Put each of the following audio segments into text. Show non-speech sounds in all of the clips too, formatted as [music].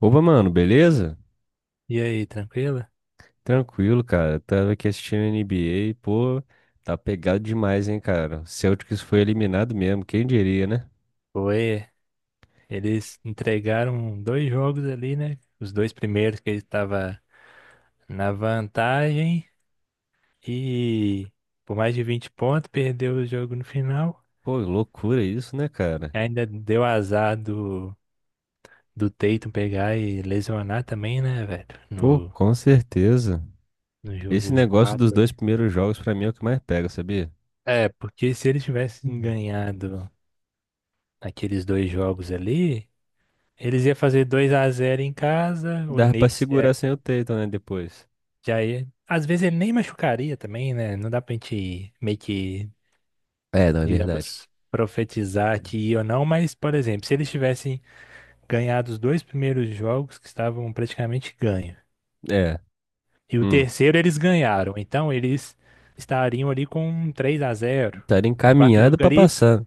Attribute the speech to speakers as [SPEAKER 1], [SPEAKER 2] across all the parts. [SPEAKER 1] Opa, mano, beleza?
[SPEAKER 2] E aí, tranquilo?
[SPEAKER 1] Tranquilo, cara. Tava aqui assistindo NBA, pô, tá pegado demais, hein, cara. O Celtics foi eliminado mesmo, quem diria, né?
[SPEAKER 2] Foi. Eles entregaram dois jogos ali, né? Os dois primeiros que ele estava na vantagem e por mais de 20 pontos perdeu o jogo no final.
[SPEAKER 1] Pô, loucura isso, né, cara?
[SPEAKER 2] Ainda deu azar do Tatum pegar e lesionar também, né, velho?
[SPEAKER 1] Pô,
[SPEAKER 2] No,
[SPEAKER 1] com certeza.
[SPEAKER 2] no
[SPEAKER 1] Esse
[SPEAKER 2] jogo
[SPEAKER 1] negócio dos
[SPEAKER 2] 4
[SPEAKER 1] dois
[SPEAKER 2] ali.
[SPEAKER 1] primeiros jogos pra mim é o que mais pega, sabia?
[SPEAKER 2] É, porque se eles tivessem
[SPEAKER 1] Hum.
[SPEAKER 2] ganhado aqueles dois jogos ali, eles iam fazer 2 a zero em casa, o
[SPEAKER 1] Dava pra
[SPEAKER 2] Knicks
[SPEAKER 1] segurar sem o Tatum, né, depois.
[SPEAKER 2] já ia. Às vezes ele nem machucaria também, né? Não dá pra gente meio que,
[SPEAKER 1] É, não é verdade.
[SPEAKER 2] digamos, profetizar que ia ou não, mas, por exemplo, se eles tivessem ganhado os dois primeiros jogos que estavam praticamente ganhos,
[SPEAKER 1] É.
[SPEAKER 2] e o terceiro eles ganharam, então eles estariam ali com um 3 a zero.
[SPEAKER 1] Estaria
[SPEAKER 2] No quarto jogo
[SPEAKER 1] encaminhado para
[SPEAKER 2] ali,
[SPEAKER 1] passar.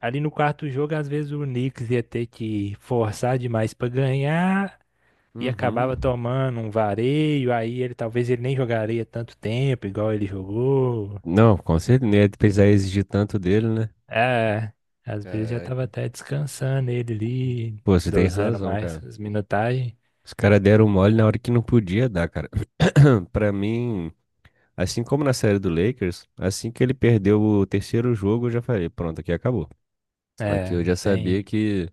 [SPEAKER 2] ali no quarto jogo, às vezes o Knicks ia ter que forçar demais pra ganhar. E
[SPEAKER 1] Uhum.
[SPEAKER 2] acabava tomando um vareio, aí ele talvez ele nem jogaria tanto tempo, igual ele jogou.
[SPEAKER 1] Não, com certeza. Não ia precisar exigir tanto dele, né?
[SPEAKER 2] É, às vezes já tava
[SPEAKER 1] Caraca.
[SPEAKER 2] até descansando ele ali,
[SPEAKER 1] Pô, você tem
[SPEAKER 2] dosando
[SPEAKER 1] razão,
[SPEAKER 2] mais
[SPEAKER 1] cara.
[SPEAKER 2] as minutagens.
[SPEAKER 1] Os caras deram mole na hora que não podia dar, cara. [clears throat] Pra mim, assim como na série do Lakers, assim que ele perdeu o terceiro jogo, eu já falei, pronto, aqui acabou. Aqui
[SPEAKER 2] É,
[SPEAKER 1] eu
[SPEAKER 2] não
[SPEAKER 1] já sabia
[SPEAKER 2] tem,
[SPEAKER 1] que,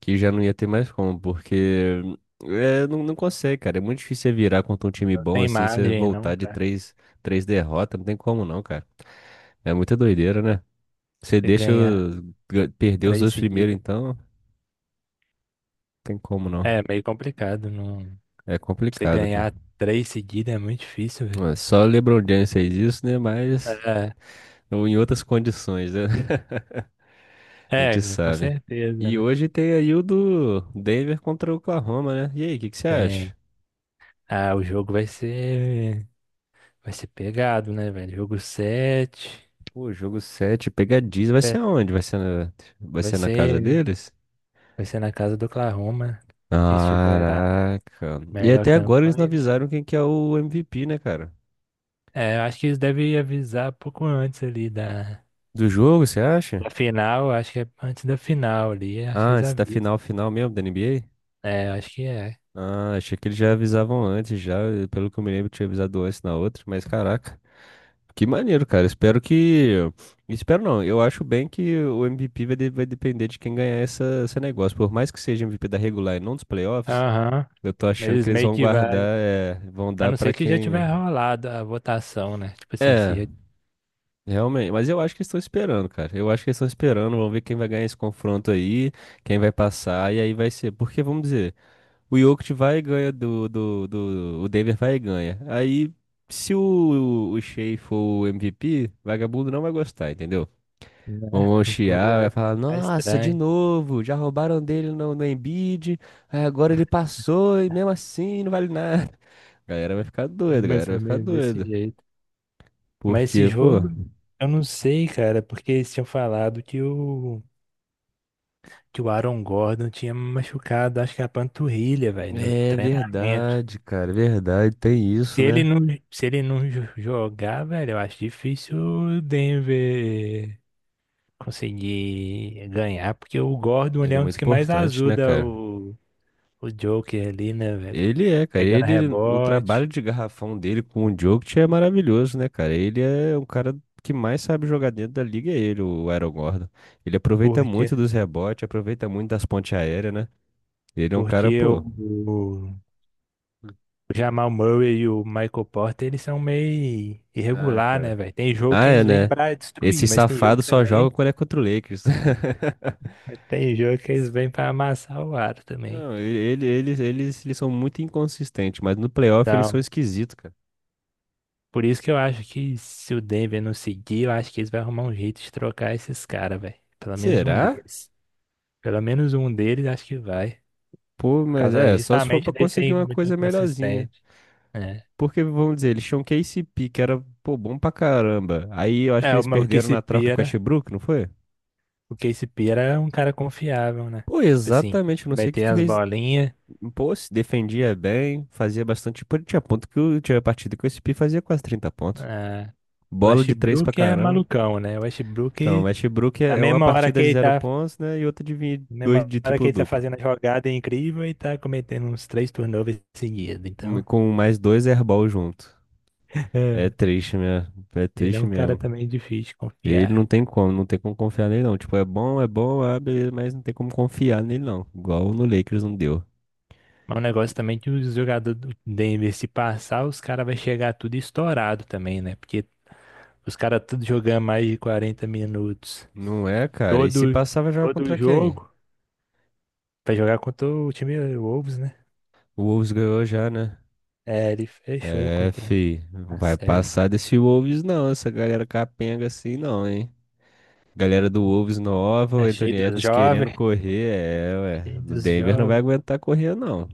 [SPEAKER 1] que já não ia ter mais como, porque é, não, não consegue, cara. É muito difícil você virar contra um time
[SPEAKER 2] não
[SPEAKER 1] bom
[SPEAKER 2] tem
[SPEAKER 1] assim, você
[SPEAKER 2] margem
[SPEAKER 1] voltar
[SPEAKER 2] não
[SPEAKER 1] de
[SPEAKER 2] pra
[SPEAKER 1] três, três derrotas, não tem como não, cara. É muita doideira, né? Você
[SPEAKER 2] você
[SPEAKER 1] deixa
[SPEAKER 2] ganhar
[SPEAKER 1] perder os
[SPEAKER 2] três
[SPEAKER 1] dois primeiros,
[SPEAKER 2] seguidas.
[SPEAKER 1] então, não tem como não.
[SPEAKER 2] É meio complicado, não.
[SPEAKER 1] É
[SPEAKER 2] Você
[SPEAKER 1] complicado, cara.
[SPEAKER 2] ganhar três seguidas é muito difícil, velho.
[SPEAKER 1] Ué, só o LeBron James fez isso, né? Mas ou em outras condições, né? [laughs] A
[SPEAKER 2] É,
[SPEAKER 1] gente
[SPEAKER 2] é, com
[SPEAKER 1] sabe.
[SPEAKER 2] certeza,
[SPEAKER 1] E
[SPEAKER 2] né?
[SPEAKER 1] hoje tem aí o do Denver contra o Oklahoma, né? E aí, o que que você acha?
[SPEAKER 2] Tem. Ah, o jogo vai ser pegado, né, velho? Jogo 7.
[SPEAKER 1] Pô, jogo 7, pegadinha. Vai ser
[SPEAKER 2] É,
[SPEAKER 1] aonde? Vai ser na, vai
[SPEAKER 2] vai
[SPEAKER 1] ser na casa
[SPEAKER 2] ser,
[SPEAKER 1] deles?
[SPEAKER 2] vai ser na casa do Oklahoma, que estiver a
[SPEAKER 1] Caraca. E
[SPEAKER 2] melhor
[SPEAKER 1] até agora eles não
[SPEAKER 2] campanha.
[SPEAKER 1] avisaram quem que é o MVP, né, cara?
[SPEAKER 2] É, eu acho que eles devem avisar um pouco antes ali
[SPEAKER 1] Do jogo, você acha?
[SPEAKER 2] da final. Acho que é antes da final ali. Acho que
[SPEAKER 1] Ah,
[SPEAKER 2] eles
[SPEAKER 1] antes da
[SPEAKER 2] avisam.
[SPEAKER 1] final, final mesmo da NBA?
[SPEAKER 2] É, acho que é.
[SPEAKER 1] Ah, achei que eles já avisavam antes, já. Pelo que eu me lembro, tinha avisado antes na outra, mas caraca. Que maneiro, cara. Espero que. Espero não. Eu acho bem que o MVP vai depender de quem ganhar essa, esse negócio. Por mais que seja MVP da regular e não dos playoffs,
[SPEAKER 2] Aham.
[SPEAKER 1] eu tô
[SPEAKER 2] Mas
[SPEAKER 1] achando
[SPEAKER 2] eles
[SPEAKER 1] que eles
[SPEAKER 2] meio
[SPEAKER 1] vão
[SPEAKER 2] que vai.
[SPEAKER 1] guardar, é, vão
[SPEAKER 2] A
[SPEAKER 1] dar
[SPEAKER 2] não ser
[SPEAKER 1] pra
[SPEAKER 2] que já
[SPEAKER 1] quem.
[SPEAKER 2] tiver rolado a votação, né? Tipo assim, se
[SPEAKER 1] É,
[SPEAKER 2] já,
[SPEAKER 1] realmente. Mas eu acho que eles estão esperando, cara. Eu acho que eles estão esperando. Vamos ver quem vai ganhar esse confronto aí, quem vai passar, e aí vai ser. Porque, vamos dizer. O Jokic vai e ganha do. O Denver vai e ganha. Aí, se o Shea for o MVP, vagabundo não vai gostar, entendeu?
[SPEAKER 2] né?
[SPEAKER 1] Vão
[SPEAKER 2] [laughs]
[SPEAKER 1] vão
[SPEAKER 2] O povo já
[SPEAKER 1] chiar, vai
[SPEAKER 2] vai
[SPEAKER 1] falar,
[SPEAKER 2] ficar
[SPEAKER 1] nossa, de
[SPEAKER 2] estranho.
[SPEAKER 1] novo, já roubaram dele no Embiid, aí agora ele passou e mesmo assim não vale nada. [laughs] A galera vai ficar
[SPEAKER 2] É,
[SPEAKER 1] doida, a
[SPEAKER 2] mais
[SPEAKER 1] galera vai
[SPEAKER 2] ou
[SPEAKER 1] ficar
[SPEAKER 2] menos desse
[SPEAKER 1] doida.
[SPEAKER 2] jeito. Mas esse
[SPEAKER 1] Porque, pô,
[SPEAKER 2] jogo, eu não sei, cara, porque eles tinham falado que o Aaron Gordon tinha machucado, acho que a panturrilha, velho, no
[SPEAKER 1] é
[SPEAKER 2] treinamento.
[SPEAKER 1] verdade, cara, é verdade, tem isso,
[SPEAKER 2] Se ele
[SPEAKER 1] né?
[SPEAKER 2] não, se ele não jogar, velho, eu acho difícil o Denver conseguir ganhar, porque o Gordon ele
[SPEAKER 1] Ele
[SPEAKER 2] é
[SPEAKER 1] é
[SPEAKER 2] um dos
[SPEAKER 1] muito
[SPEAKER 2] que mais
[SPEAKER 1] importante, né,
[SPEAKER 2] ajuda
[SPEAKER 1] cara?
[SPEAKER 2] o Joker ali, né, velho?
[SPEAKER 1] Ele é, cara.
[SPEAKER 2] Pegando
[SPEAKER 1] Ele, o trabalho
[SPEAKER 2] rebote,
[SPEAKER 1] de garrafão dele com o Jokic é maravilhoso, né, cara? Ele é o cara que mais sabe jogar dentro da liga, é ele, o Aaron Gordon. Ele aproveita muito
[SPEAKER 2] porque,
[SPEAKER 1] dos rebotes, aproveita muito das pontes aéreas, né? Ele é um cara,
[SPEAKER 2] porque
[SPEAKER 1] pô.
[SPEAKER 2] o Jamal Murray e o Michael Porter, eles são meio
[SPEAKER 1] Ah,
[SPEAKER 2] irregular, né,
[SPEAKER 1] cara.
[SPEAKER 2] velho? Tem jogo
[SPEAKER 1] Ah,
[SPEAKER 2] que
[SPEAKER 1] é,
[SPEAKER 2] eles vêm
[SPEAKER 1] né?
[SPEAKER 2] pra
[SPEAKER 1] Esse
[SPEAKER 2] destruir,
[SPEAKER 1] safado só joga quando é contra o Lakers. [laughs]
[SPEAKER 2] mas tem jogo que eles vêm pra amassar o aro também.
[SPEAKER 1] Não, eles são muito inconsistentes, mas no playoff eles são
[SPEAKER 2] Então,
[SPEAKER 1] esquisitos, cara.
[SPEAKER 2] por isso que eu acho que se o Denver não seguir, eu acho que eles vão arrumar um jeito de trocar esses caras, velho. Pelo menos um
[SPEAKER 1] Será?
[SPEAKER 2] deles. Pelo menos um deles acho que vai.
[SPEAKER 1] Pô,
[SPEAKER 2] Por
[SPEAKER 1] mas
[SPEAKER 2] causa
[SPEAKER 1] é, só se for
[SPEAKER 2] justamente
[SPEAKER 1] pra
[SPEAKER 2] desse
[SPEAKER 1] conseguir
[SPEAKER 2] aí
[SPEAKER 1] uma
[SPEAKER 2] muito
[SPEAKER 1] coisa melhorzinha.
[SPEAKER 2] inconsistente. É,
[SPEAKER 1] Porque, vamos dizer, eles tinham KCP que era, pô, bom pra caramba. Aí eu acho que
[SPEAKER 2] é o,
[SPEAKER 1] eles
[SPEAKER 2] o
[SPEAKER 1] perderam
[SPEAKER 2] Casey
[SPEAKER 1] na troca com o
[SPEAKER 2] Pira,
[SPEAKER 1] Westbrook, não foi?
[SPEAKER 2] o Casey Pira é um cara confiável, né?
[SPEAKER 1] Pô,
[SPEAKER 2] Tipo assim,
[SPEAKER 1] exatamente, eu não
[SPEAKER 2] ele vai
[SPEAKER 1] sei o que
[SPEAKER 2] ter
[SPEAKER 1] que
[SPEAKER 2] as
[SPEAKER 1] fez.
[SPEAKER 2] bolinhas.
[SPEAKER 1] Pô, se defendia bem, fazia bastante. Pô, tinha ponto tinha partida que o SP fazia quase 30 pontos.
[SPEAKER 2] Ah, o
[SPEAKER 1] Bola de 3 pra
[SPEAKER 2] Westbrook é
[SPEAKER 1] caramba.
[SPEAKER 2] malucão, né? O
[SPEAKER 1] Então, o
[SPEAKER 2] Westbrook,
[SPEAKER 1] Westbrook
[SPEAKER 2] na
[SPEAKER 1] é uma
[SPEAKER 2] mesma hora que
[SPEAKER 1] partida de
[SPEAKER 2] ele
[SPEAKER 1] zero
[SPEAKER 2] tá,
[SPEAKER 1] pontos, né? E outra de
[SPEAKER 2] na
[SPEAKER 1] dois
[SPEAKER 2] mesma
[SPEAKER 1] de
[SPEAKER 2] hora que ele tá
[SPEAKER 1] triplo-duplo.
[SPEAKER 2] fazendo a jogada incrível, ele tá cometendo uns três turnovers seguidos. Então.
[SPEAKER 1] Com mais dois airball junto. É
[SPEAKER 2] [laughs]
[SPEAKER 1] triste, né? É
[SPEAKER 2] Ele é
[SPEAKER 1] triste
[SPEAKER 2] um cara
[SPEAKER 1] mesmo.
[SPEAKER 2] também difícil de
[SPEAKER 1] Ele não
[SPEAKER 2] confiar.
[SPEAKER 1] tem como, não tem como confiar nele não. Tipo, é bom, ah, beleza, mas não tem como confiar nele não. Igual no Lakers não deu.
[SPEAKER 2] Mas o negócio também é que os jogadores do Denver, se passar, os caras vai chegar tudo estourado também, né? Porque os caras tudo jogando mais de 40 minutos.
[SPEAKER 1] Não é, cara? E se
[SPEAKER 2] Todo,
[SPEAKER 1] passar, vai jogar
[SPEAKER 2] todo
[SPEAKER 1] contra quem?
[SPEAKER 2] jogo. Pra jogar contra o time Wolves, né?
[SPEAKER 1] O Wolves ganhou já, né?
[SPEAKER 2] É, ele fechou
[SPEAKER 1] É,
[SPEAKER 2] contra
[SPEAKER 1] fi. Não
[SPEAKER 2] a
[SPEAKER 1] vai
[SPEAKER 2] série.
[SPEAKER 1] passar desse Wolves não, essa galera capenga assim não, hein? Galera do Wolves nova, o
[SPEAKER 2] É cheio
[SPEAKER 1] Anthony
[SPEAKER 2] dos
[SPEAKER 1] Edwards querendo
[SPEAKER 2] jovens.
[SPEAKER 1] correr, é, ué.
[SPEAKER 2] Cheio
[SPEAKER 1] O
[SPEAKER 2] dos
[SPEAKER 1] Denver não vai
[SPEAKER 2] jovens.
[SPEAKER 1] aguentar correr não.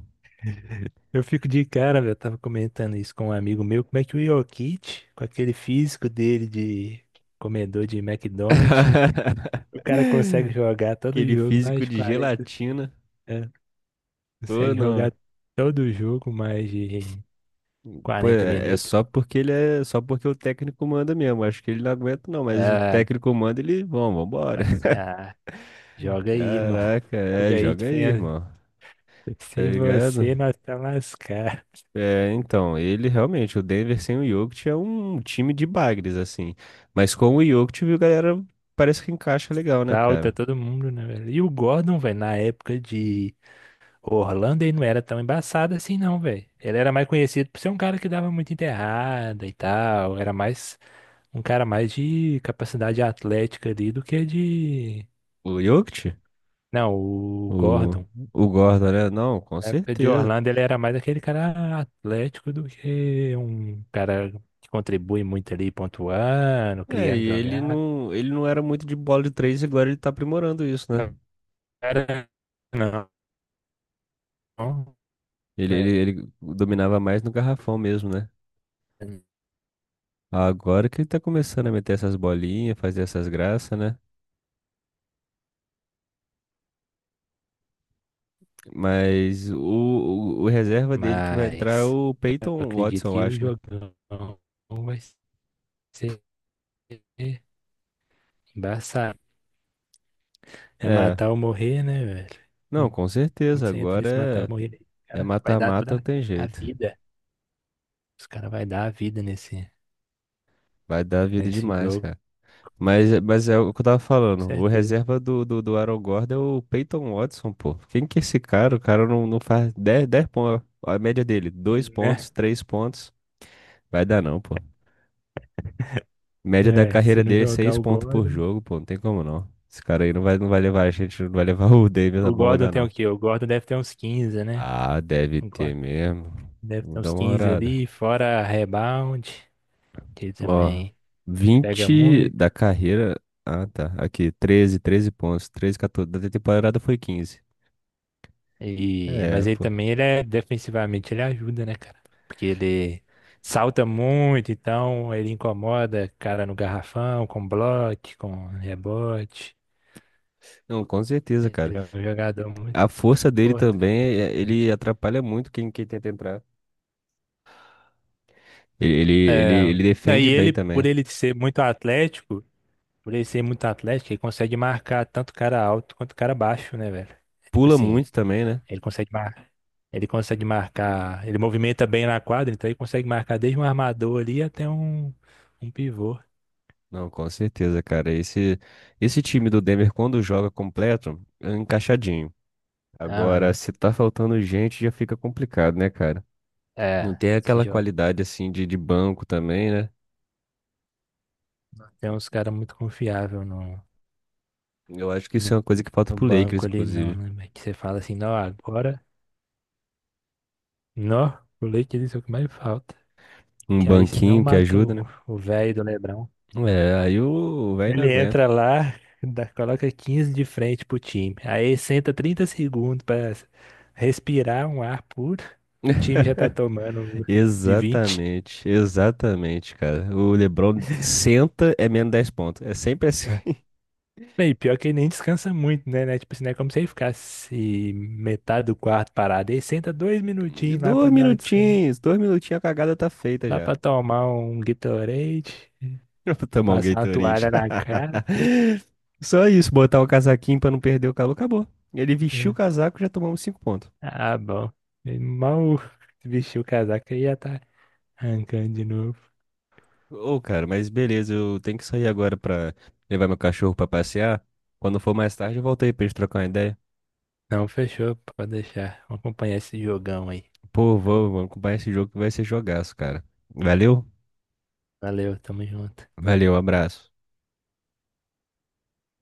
[SPEAKER 2] Eu fico de cara, velho. Eu tava comentando isso com um amigo meu. Como é que o Jokic, com aquele físico dele de comedor de McDonald's,
[SPEAKER 1] [laughs]
[SPEAKER 2] o cara consegue jogar todo
[SPEAKER 1] Aquele
[SPEAKER 2] jogo
[SPEAKER 1] físico
[SPEAKER 2] mais
[SPEAKER 1] de
[SPEAKER 2] 40.
[SPEAKER 1] gelatina.
[SPEAKER 2] É,
[SPEAKER 1] Ou
[SPEAKER 2] consegue
[SPEAKER 1] não.
[SPEAKER 2] jogar todo jogo mais de
[SPEAKER 1] Pô,
[SPEAKER 2] 40
[SPEAKER 1] é
[SPEAKER 2] minutos.
[SPEAKER 1] só porque ele é só porque o técnico manda mesmo. Acho que ele não aguenta, não, mas o
[SPEAKER 2] Ah,
[SPEAKER 1] técnico manda, ele vamos, vambora.
[SPEAKER 2] assim, ah,
[SPEAKER 1] [laughs]
[SPEAKER 2] joga aí, irmão.
[SPEAKER 1] Caraca,
[SPEAKER 2] Joga
[SPEAKER 1] é,
[SPEAKER 2] aí que
[SPEAKER 1] joga
[SPEAKER 2] sem,
[SPEAKER 1] aí,
[SPEAKER 2] a-
[SPEAKER 1] irmão. Tá
[SPEAKER 2] sem
[SPEAKER 1] ligado?
[SPEAKER 2] você nós tá lascar.
[SPEAKER 1] É, então, ele realmente, o Denver sem o Jokic é um time de bagres, assim. Mas com o Jokic, viu, galera, parece que encaixa legal, né,
[SPEAKER 2] Salta
[SPEAKER 1] cara?
[SPEAKER 2] todo mundo, né, velho? E o Gordon, velho, na época de Orlando, ele não era tão embaçado assim, não, velho. Ele era mais conhecido por ser um cara que dava muito enterrada e tal. Era mais um cara mais de capacidade atlética ali do que de.
[SPEAKER 1] O Jokic?
[SPEAKER 2] Não, o
[SPEAKER 1] O,
[SPEAKER 2] Gordon,
[SPEAKER 1] o Gordon, né? Não, com
[SPEAKER 2] na época de
[SPEAKER 1] certeza.
[SPEAKER 2] Orlando, ele era mais aquele cara atlético do que um cara que contribui muito ali, pontuando,
[SPEAKER 1] É, e
[SPEAKER 2] criando
[SPEAKER 1] ele
[SPEAKER 2] jogada.
[SPEAKER 1] não, ele não era muito de bola de três, e agora ele tá aprimorando isso, né?
[SPEAKER 2] Não era, não,
[SPEAKER 1] Ele, ele,
[SPEAKER 2] né?
[SPEAKER 1] ele dominava mais no garrafão mesmo, né? Agora que ele tá começando a meter essas bolinhas, fazer essas graças, né? Mas o reserva dele que vai entrar é
[SPEAKER 2] Mas
[SPEAKER 1] o
[SPEAKER 2] eu
[SPEAKER 1] Peyton Watson,
[SPEAKER 2] acredito
[SPEAKER 1] eu
[SPEAKER 2] que o
[SPEAKER 1] acho, né?
[SPEAKER 2] jogão vai ser embaçado. É
[SPEAKER 1] É.
[SPEAKER 2] matar ou morrer, né, velho?
[SPEAKER 1] Não,
[SPEAKER 2] Hum,
[SPEAKER 1] com
[SPEAKER 2] Quando
[SPEAKER 1] certeza.
[SPEAKER 2] você entra nesse matar ou
[SPEAKER 1] Agora
[SPEAKER 2] morrer, o
[SPEAKER 1] é
[SPEAKER 2] cara vai dar
[SPEAKER 1] mata-mata, não
[SPEAKER 2] toda
[SPEAKER 1] tem
[SPEAKER 2] a
[SPEAKER 1] jeito.
[SPEAKER 2] vida. Os caras vai dar a vida
[SPEAKER 1] Vai dar vida
[SPEAKER 2] nesse
[SPEAKER 1] demais,
[SPEAKER 2] jogo,
[SPEAKER 1] cara. Mas é o que eu tava
[SPEAKER 2] com
[SPEAKER 1] falando. O
[SPEAKER 2] certeza.
[SPEAKER 1] reserva do Aaron Gordon é o Peyton Watson, pô. Quem que é esse cara? O cara não faz dez pontos. A média dele, dois pontos,
[SPEAKER 2] Né?
[SPEAKER 1] 3 pontos. Vai dar não, pô. Média da
[SPEAKER 2] É, se
[SPEAKER 1] carreira
[SPEAKER 2] não
[SPEAKER 1] dele é
[SPEAKER 2] jogar
[SPEAKER 1] 6
[SPEAKER 2] o
[SPEAKER 1] pontos por
[SPEAKER 2] Gordon.
[SPEAKER 1] jogo, pô. Não tem como não. Esse cara aí não vai levar a gente, não vai levar [laughs] o Davis a
[SPEAKER 2] O
[SPEAKER 1] bom
[SPEAKER 2] Gordon
[SPEAKER 1] lugar,
[SPEAKER 2] tem o
[SPEAKER 1] não.
[SPEAKER 2] quê? O Gordon deve ter uns 15 né?
[SPEAKER 1] Ah, deve
[SPEAKER 2] O
[SPEAKER 1] ter
[SPEAKER 2] Gordon
[SPEAKER 1] mesmo.
[SPEAKER 2] deve
[SPEAKER 1] Vou
[SPEAKER 2] ter
[SPEAKER 1] dar
[SPEAKER 2] uns
[SPEAKER 1] uma
[SPEAKER 2] 15
[SPEAKER 1] olhada.
[SPEAKER 2] ali, fora rebound, que ele
[SPEAKER 1] Ó,
[SPEAKER 2] também pega
[SPEAKER 1] 20
[SPEAKER 2] muito.
[SPEAKER 1] da carreira. Ah, tá. Aqui, 13, 13 pontos. 13, 14. Da temporada foi 15.
[SPEAKER 2] E,
[SPEAKER 1] É,
[SPEAKER 2] mas ele
[SPEAKER 1] pô.
[SPEAKER 2] também ele é defensivamente, ele ajuda, né, cara? Porque ele salta muito, então ele incomoda cara no garrafão, com bloco, com rebote.
[SPEAKER 1] Não, com certeza, cara.
[SPEAKER 2] Ele é um jogador muito
[SPEAKER 1] A força dele
[SPEAKER 2] importante.
[SPEAKER 1] também, ele atrapalha muito quem, tenta entrar. Ele, ele, ele,
[SPEAKER 2] É,
[SPEAKER 1] ele
[SPEAKER 2] não, e
[SPEAKER 1] defende bem
[SPEAKER 2] ele, por
[SPEAKER 1] também.
[SPEAKER 2] ele ser muito atlético. Por ele ser muito atlético, ele consegue marcar tanto cara alto quanto cara baixo, né, velho? É, tipo
[SPEAKER 1] Pula
[SPEAKER 2] assim,
[SPEAKER 1] muito também, né?
[SPEAKER 2] ele consegue marcar, ele consegue marcar, ele movimenta bem na quadra, então ele consegue marcar desde um armador ali um pivô.
[SPEAKER 1] Não, com certeza, cara. Esse time do Denver, quando joga completo, é encaixadinho. Agora,
[SPEAKER 2] Aham.
[SPEAKER 1] se tá faltando gente, já fica complicado, né, cara? Não
[SPEAKER 2] É,
[SPEAKER 1] tem
[SPEAKER 2] esse
[SPEAKER 1] aquela
[SPEAKER 2] jogo.
[SPEAKER 1] qualidade, assim, de banco também, né?
[SPEAKER 2] Tem uns caras muito confiáveis
[SPEAKER 1] Eu acho que isso é
[SPEAKER 2] no,
[SPEAKER 1] uma coisa que falta
[SPEAKER 2] no
[SPEAKER 1] pro Lakers,
[SPEAKER 2] banco ali, não,
[SPEAKER 1] inclusive.
[SPEAKER 2] né? Velho? Que você fala assim, não, agora, não, o leite disso é o que mais falta.
[SPEAKER 1] Um
[SPEAKER 2] Que aí senão
[SPEAKER 1] banquinho que
[SPEAKER 2] mata
[SPEAKER 1] ajuda, né?
[SPEAKER 2] o velho do Lebrão.
[SPEAKER 1] É, aí o velho não
[SPEAKER 2] Ele
[SPEAKER 1] aguenta.
[SPEAKER 2] entra lá, dá- coloca 15 de frente pro time. Aí senta 30 segundos pra respirar um ar puro. O time já tá
[SPEAKER 1] [laughs]
[SPEAKER 2] tomando de 20.
[SPEAKER 1] Exatamente, exatamente, cara. O LeBron senta, é menos 10 pontos. É sempre assim.
[SPEAKER 2] Né? E pior que ele nem descansa muito, né? Né? Tipo assim, não é como se ele ficasse metade do quarto parado. Ele senta dois
[SPEAKER 1] [laughs]
[SPEAKER 2] minutinhos lá pra dar uma descanso.
[SPEAKER 1] Dois minutinhos, a cagada tá feita
[SPEAKER 2] Lá
[SPEAKER 1] já.
[SPEAKER 2] pra tomar um Gatorade,
[SPEAKER 1] [laughs] Eu vou tomar um
[SPEAKER 2] passar uma toalha
[SPEAKER 1] Gatorade.
[SPEAKER 2] na cara.
[SPEAKER 1] [laughs] Só isso, botar o casaquinho pra não perder o calor, acabou. Ele vestiu o
[SPEAKER 2] É.
[SPEAKER 1] casaco, já tomamos cinco pontos.
[SPEAKER 2] Ah, bom. Ele mal vestiu o casaco e já tá arrancando de novo.
[SPEAKER 1] Ô, cara, mas beleza, eu tenho que sair agora pra levar meu cachorro pra passear. Quando for mais tarde, eu volto aí pra gente trocar uma ideia.
[SPEAKER 2] Não, fechou, pode deixar. Vamos acompanhar esse jogão aí.
[SPEAKER 1] Pô, vamos comprar esse jogo que vai ser jogaço, cara. Valeu?
[SPEAKER 2] Valeu, tamo junto.
[SPEAKER 1] Valeu, abraço.